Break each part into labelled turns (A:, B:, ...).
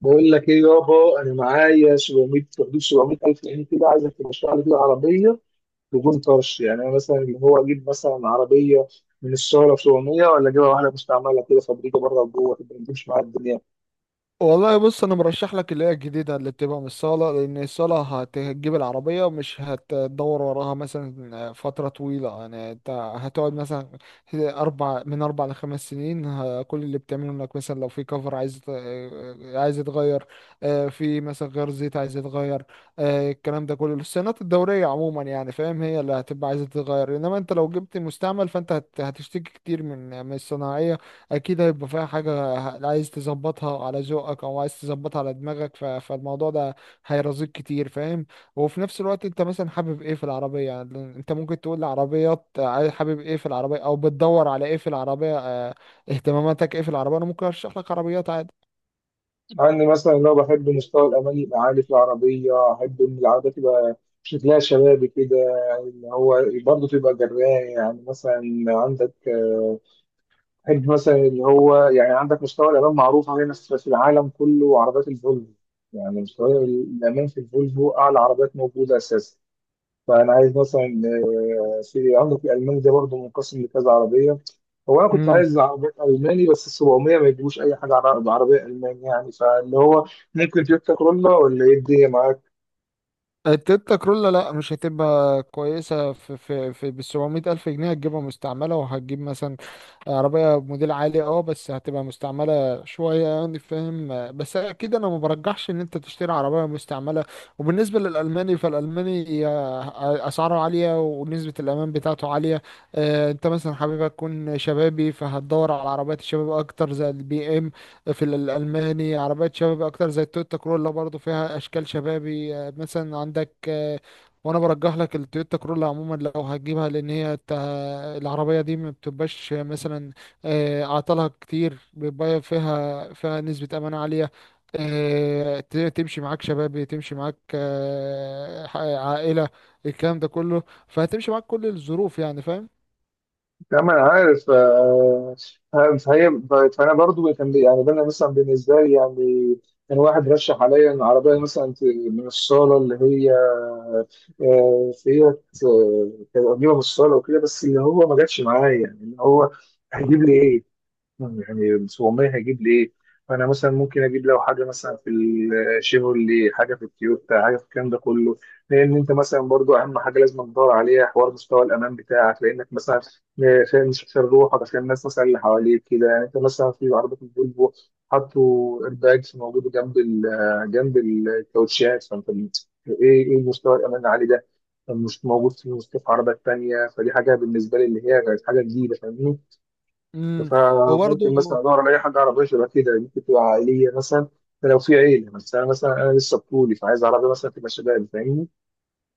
A: بقول لك ايه يابا، انا معايا 700، في حدود 700000 جنيه كده. عايزك ترشح لي كده عربيه بدون طرش. يعني انا مثلا اللي هو اجيب مثلا عربيه من الشهرة ب 700، ولا اجيبها واحده مستعمله كده فابريكه بره وجوه تبقى بتمشي معايا الدنيا.
B: والله، بص انا مرشح لك اللي هي الجديده، اللي بتبقى من الصاله. لان الصاله هتجيب العربيه، مش هتدور وراها مثلا فتره طويله، يعني انت هتقعد مثلا اربع، من اربع لخمس سنين. كل اللي بتعمله انك مثلا لو في كفر عايز يتغير، في مثلا غير زيت عايز يتغير، الكلام ده كله الصيانات الدوريه عموما، يعني فاهم، هي اللي هتبقى عايزه تتغير. انما انت لو جبت مستعمل، فانت هتشتكي كتير من الصناعيه، اكيد هيبقى فيها حاجه. عايز تظبطها على ذوقك، او عايز تظبطها على دماغك، فالموضوع ده هيرزقك كتير فاهم. وفي نفس الوقت انت مثلا حابب ايه في العربيه؟ يعني انت ممكن تقول لعربيات حابب ايه في العربيه، او بتدور على ايه في العربيه؟ اهتماماتك ايه في العربيه؟ انا ممكن ارشح لك عربيات عادي.
A: مع اني مثلا لو بحب مستوى الامان يبقى عالي في العربيه، احب ان العربيه تبقى شكلها شبابي كده، اللي هو برضه تبقى جراية. يعني مثلا عندك، بحب مثلا اللي هو يعني عندك مستوى الأمان معروف علينا في العالم كله، عربيات الفولفو. يعني مستوى الأمان في الفولفو أعلى عربيات موجودة أساسا. فأنا عايز مثلا، في عندك الألماني ده برضه منقسم لكذا عربية. هو أنا كنت عايز عربية ألماني، بس ال 700 ما يجيبوش أي حاجة بعربية ألماني. يعني فاللي هو ممكن تويوتا كرولا، ولا إيه الدنيا معاك؟
B: التويوتا كرولا لا، مش هتبقى كويسة، في بال 700 ألف جنيه، هتجيبها مستعملة، وهتجيب مثلا عربية موديل عالي، اه، بس هتبقى مستعملة شوية، يعني فاهم. بس أكيد أنا ما برجحش إن أنت تشتري عربية مستعملة. وبالنسبة للألماني، فالألماني أسعاره عالية، ونسبة الأمان بتاعته عالية. أنت مثلا حابب تكون شبابي، فهتدور على عربيات الشباب أكتر، زي البي، في الألماني. عربيات شباب أكتر زي التويوتا كرولا برضو، فيها أشكال شبابي، مثلا عندك، وأنا برجح لك التويوتا كرولا عموما لو هتجيبها، لأن هي العربية دي ما بتبقاش مثلا أعطالها كتير، بيبقى فيها نسبة أمان عالية، تمشي معاك شبابي، تمشي معاك عائلة، الكلام ده كله. فهتمشي معاك كل الظروف، يعني فاهم.
A: لا، ما انا عارف. فهي، فانا برضو كان يعني انا مثلا بالنسبه لي، يعني كان واحد رشح عليا ان عربيه مثلا من الصاله، اللي هي فيها، كانت قريبه من الصاله وكده، بس اللي هو ما جاتش معايا. يعني اللي هو هيجيب لي ايه؟ يعني بس والله هجيب ليه. فانا مثلا ممكن اجيب لو حاجه مثلا في الشيفرولي، حاجه في التويوتا، حاجه في الكلام ده كله. لان انت مثلا برضو اهم حاجه لازم تدور عليها حوار مستوى الامان بتاعك، لانك مثلا عشان مش عشان روحك، عشان الناس مثلا اللي حواليك كده. يعني انت مثلا في عربيه الفولفو حطوا ايرباجز موجوده جنب جنب الكاوتشات. فانت ايه، ايه مستوى الامان العالي ده؟ مش موجود في مستوى عربيات تانيه. فدي حاجه بالنسبه لي، اللي هي كانت حاجه جديده فاهمني.
B: امم وبرضه
A: فممكن مثلا ادور على اي حاجه عربيه شبه كده، ممكن تبقى عائليه مثلا لو في عيله. بس انا مثلا لسه بطولي، فعايز عربيه مثلا تبقى شباب فاهمني.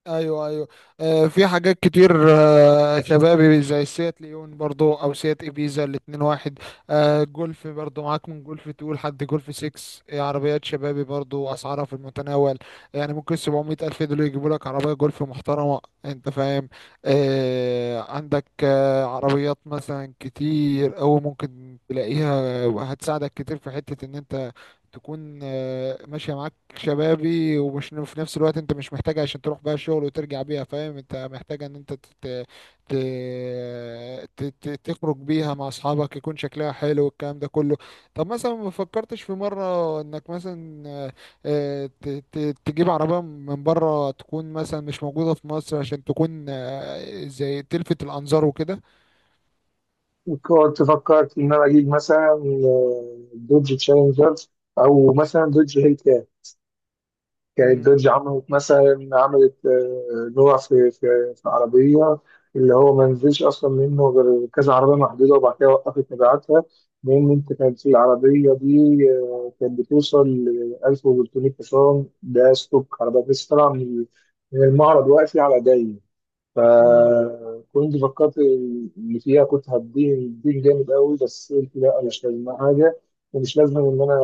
B: ايوه، ايوه. آه، في حاجات كتير آه شبابي، زي سيات ليون، برضو، او سيات ابيزا، الاتنين واحد. آه، جولف برضو معاك، من جولف تو لحد جولف 6. آه، عربيات شبابي برضو اسعارها في المتناول، يعني ممكن 700 الف دول يجيبوا لك عربيه جولف محترمه، انت فاهم. آه، عندك آه عربيات مثلا كتير، او ممكن تلاقيها هتساعدك كتير، في حته ان انت تكون آه ماشيه معاك شبابي، ومش في نفس الوقت. انت مش محتاج عشان تروح بقى الشغل وترجع بيها، فاهم؟ انت محتاج ان انت تت... ت... ت... ت... تخرج بيها مع اصحابك، يكون شكلها حلو والكلام ده كله. طب مثلا ما فكرتش في مرة انك مثلا آه، ت... ت... تجيب عربية من بره، تكون مثلا مش موجودة في مصر، عشان تكون زي تلفت الانظار وكده.
A: وكنت فكرت ان انا اجيب مثلا، دوج تشالنجر، او مثلا دوج هيل. كانت دوج عملت مثلا عملت، نوع في عربية اللي هو ما نزلش أصلا منه غير كذا عربية محدودة، وبعد كده وقفت مبيعاتها. لأن أنت كانت في العربية دي، كانت بتوصل ل 1300 حصان، ده ستوك عربية بس طالعة من المعرض واقفة على دايم.
B: مم.
A: فكنت فكرت إن فيها كنت هديه الدين جامد قوي، بس قلت لا مش لازم حاجة، ومش لازم إن أنا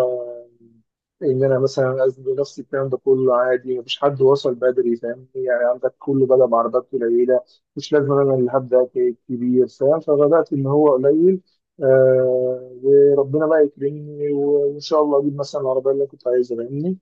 A: ان انا مثلا ازنق نفسي الكلام ده كله. عادي، مفيش حد وصل بدري فاهمني. يعني عندك كله بدأ بعربيات قليله، مش لازم انا اللي هبدأ كبير فاهم. فبدأت ان هو قليل، وربنا بقى يكرمني وان شاء الله اجيب مثلا العربيه اللي أنا كنت عايزها فاهمني.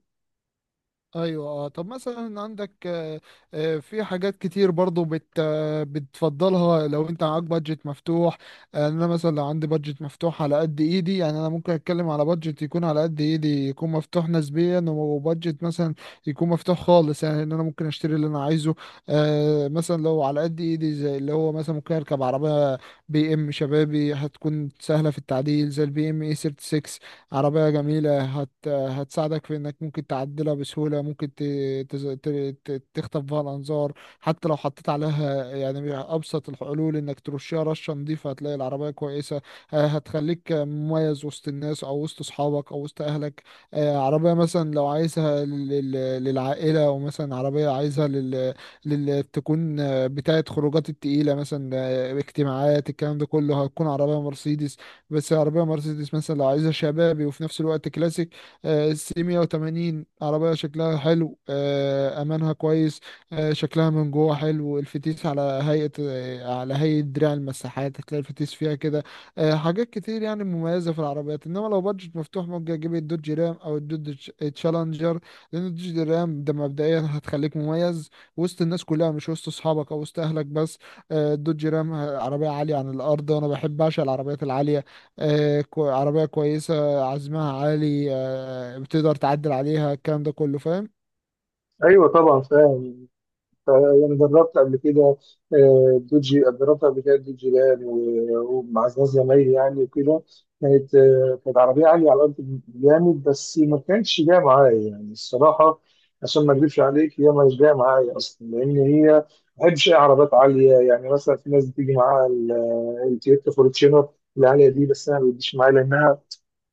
B: ايوه، اه. طب مثلا عندك في حاجات كتير برضو بت آه، بتفضلها لو انت معاك بادجت مفتوح. انا مثلا لو عندي بادجت مفتوح على قد ايدي، يعني انا ممكن اتكلم على بادجت يكون على قد ايدي، يكون مفتوح نسبيا، وبادجت مثلا يكون مفتوح خالص، يعني ان انا ممكن اشتري اللي انا عايزه. مثلا لو على قد ايدي، زي اللي هو مثلا ممكن اركب عربية بي ام شبابي، هتكون سهلة في التعديل، زي البي ام اي 36. عربية جميلة، هتساعدك في انك ممكن تعدلها بسهولة، ممكن ت... تز... ت... ت... تخطف بها الانظار. حتى لو حطيت عليها يعني ابسط الحلول، انك ترشها رشة نظيفة، هتلاقي العربية كويسة، هتخليك مميز وسط الناس، او وسط اصحابك، او وسط اهلك. عربية مثلا لو عايزها للعائلة، او مثلا عربية عايزها تكون بتاعة خروجات التقيلة، مثلا اجتماعات، الكلام ده كله، هتكون عربية مرسيدس. بس عربية مرسيدس مثلا لو عايزها شبابي وفي نفس الوقت كلاسيك، سي 180 عربية شكلها حلو، أمانها كويس، شكلها من جوه حلو. الفتيس على هيئة على هيئة دراع المساحات، هتلاقي الفتيس فيها كده. حاجات كتير يعني مميزة في العربيات. إنما لو بادجت مفتوح، ممكن أجيب الدوج رام، أو الدوج تشالنجر. لأن الدوج رام ده مبدئيا هتخليك مميز وسط الناس كلها، مش وسط أصحابك أو وسط أهلك بس. الدوج رام عربية عالية عن الأرض، وأنا بحب أعشق العربيات العالية. عربية كويسة، عزمها عالي، بتقدر تعدل عليها، الكلام ده كله فاهم.
A: ايوه طبعا فاهم. يعني جربت قبل كده، دوجي، جربت قبل كده دوجي لان ومع ناس زمايلي يعني وكده. كانت عربية عالية على الأرض جامد، بس ما كانتش جاية معايا يعني الصراحة. عشان ما أكذبش عليك، هي مش جاية معايا أصلا، لأن هي ما بحبش أي عربيات عالية. يعني مثلا في ناس بتيجي معاها التويوتا فورتشينر العالية دي، بس أنا ما بتجيش معايا لأنها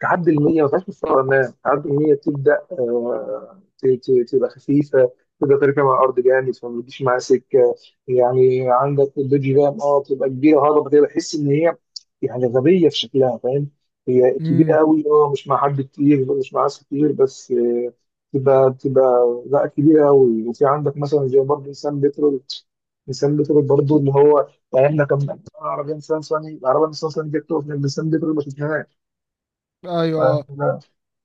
A: تعدي ال 100 ما تبقاش مستوى امام. تعدي ال 100 تبدا، تبقى خفيفه، تبدا تركب على الارض جامد، فما بتجيش معاها سكه. يعني عندك البيج رام، بتبقى كبيره هضبه، بتبقى بحس ان هي يعني غبيه في شكلها فاهم. هي كبيره
B: امم
A: قوي، مش مع حد كتير، مش مع ناس كتير، بس تبقى لا كبيره قوي. وفي عندك مثلا زي برضه انسان بترول. انسان بترول برضه ان هو يعني، احنا كان عربيه انسان صني، العربيه انسان صني جت تقف جنب انسان بترول ما شفناهاش.
B: ايوه،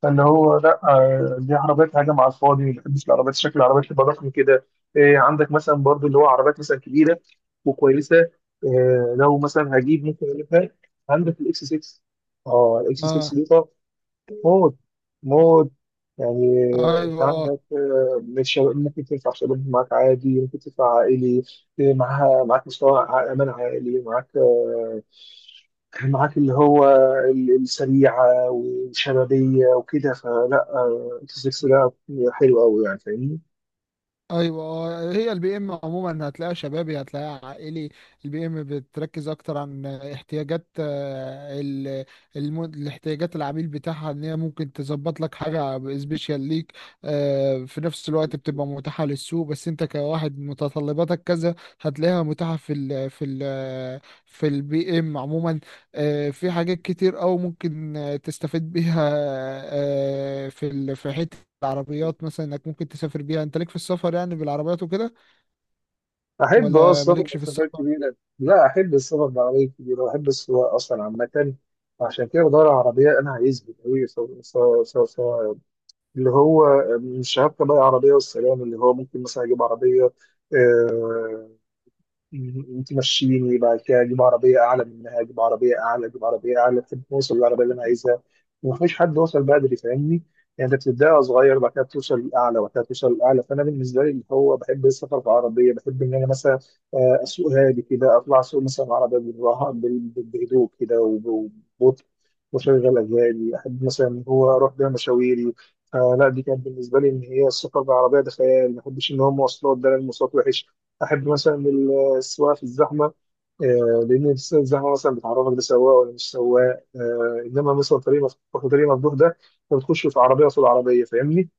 A: فاللي هو لا، دي عربيات هجم على الفاضي. ما بحبش العربيات شكل العربيات تبقى ضخم كده. إيه، عندك مثلا برضو اللي هو عربيات مثلا كبيره وكويسه إيه. لو مثلا هجيب، ممكن اجيب لك عندك الاكس 6. اه الاكس 6
B: اه.
A: دي طب، موت موت. يعني
B: آه،
A: انت
B: ايوه آه.
A: عندك، مش ممكن تدفع شباب معاك عادي، ممكن تدفع عائلي إيه. معاها معاك مستوى امان عائلي، معاك كان معاك اللي هو السريعة وشبابية وكده. فلا، انت 6 ده حلو قوي يعني فاهمني.
B: ايوه هي البي ام عموما هتلاقيها شبابي، هتلاقيها عائلي. البي ام بتركز اكتر عن احتياجات الاحتياجات العميل بتاعها، ان هي ممكن تظبط لك حاجه سبيشال ليك. في نفس الوقت بتبقى متاحه للسوق، بس انت كواحد متطلباتك كذا، هتلاقيها متاحه في البي ام عموما. في حاجات كتير أوي، ممكن تستفيد بيها في حتة العربيات، مثلا انك ممكن تسافر بيها، انت ليك في السفر يعني بالعربيات وكده.
A: أحب
B: ولا
A: السفر
B: مالكش في
A: مسافات
B: السفر؟
A: كبيرة، لا أحب السفر بعربية كبيرة، وأحب السواقة أصلا عامة. عشان كده بدور على عربية أنا هيثبت أوي سواء. اللي هو، مش هبقى بقى عربية والسلام، اللي هو ممكن مثلا أجيب عربية، آه، انت مشيني، بعد كده اجيب عربيه اعلى منها، اجيب عربيه اعلى، اجيب عربيه اعلى لحد ما اوصل للعربيه اللي انا عايزها. ومفيش حد وصل بدري فاهمني. يعني انت بتبدا صغير، بعد كده توصل للاعلى، وبعد كده توصل للاعلى. فانا بالنسبه لي اللي هو بحب السفر بعربيه، بحب ان انا مثلا، اسوق هادي كده، اطلع اسوق مثلا عربيه بالراحه بهدوء كده وببطء، واشغل اغاني، احب مثلا ان هو اروح بيها مشاويري. فلا دي كانت بالنسبه لي ان هي السفر بالعربيه ده خيال. ما بحبش ان هو مواصلات ده، لأن المواصلات وحش. احب مثلا السواقه في الزحمه، لان لسه الزحمه مثلا بتعرفك ده سواق ولا مش سواق. انما مثلا طريق مفتوح، وطريق مفتوح ده انت بتخش في عربيه قصاد عربيه فاهمني.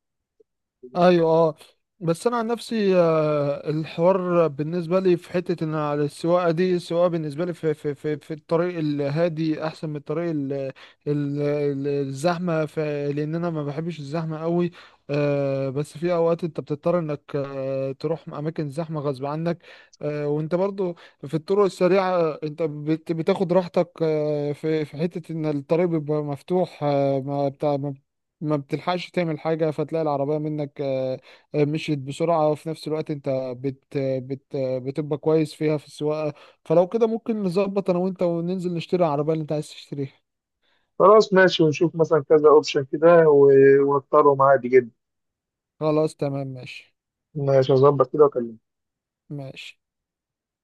B: ايوه، اه. بس انا عن نفسي، الحوار بالنسبه لي في حته ان على السواقه دي، السواقه بالنسبه لي في الطريق الهادي احسن من الطريق الزحمه، لان انا ما بحبش الزحمه قوي. بس في اوقات انت بتضطر انك تروح اماكن زحمه غصب عنك. وانت برضو في الطرق السريعه انت بتاخد راحتك، في في حته ان الطريق بيبقى مفتوح، ما بتلحقش تعمل حاجة، فتلاقي العربية منك مشيت بسرعة، وفي نفس الوقت انت بت بت بتبقى كويس فيها في السواقة. فلو كده ممكن نظبط انا وانت، وننزل نشتري العربية اللي انت عايز تشتريها.
A: خلاص ماشي، ونشوف مثلا كذا اوبشن كده ونختاره معادي جدا.
B: خلاص تمام ماشي.
A: ماشي، هظبط كده واكلمك.
B: ماشي.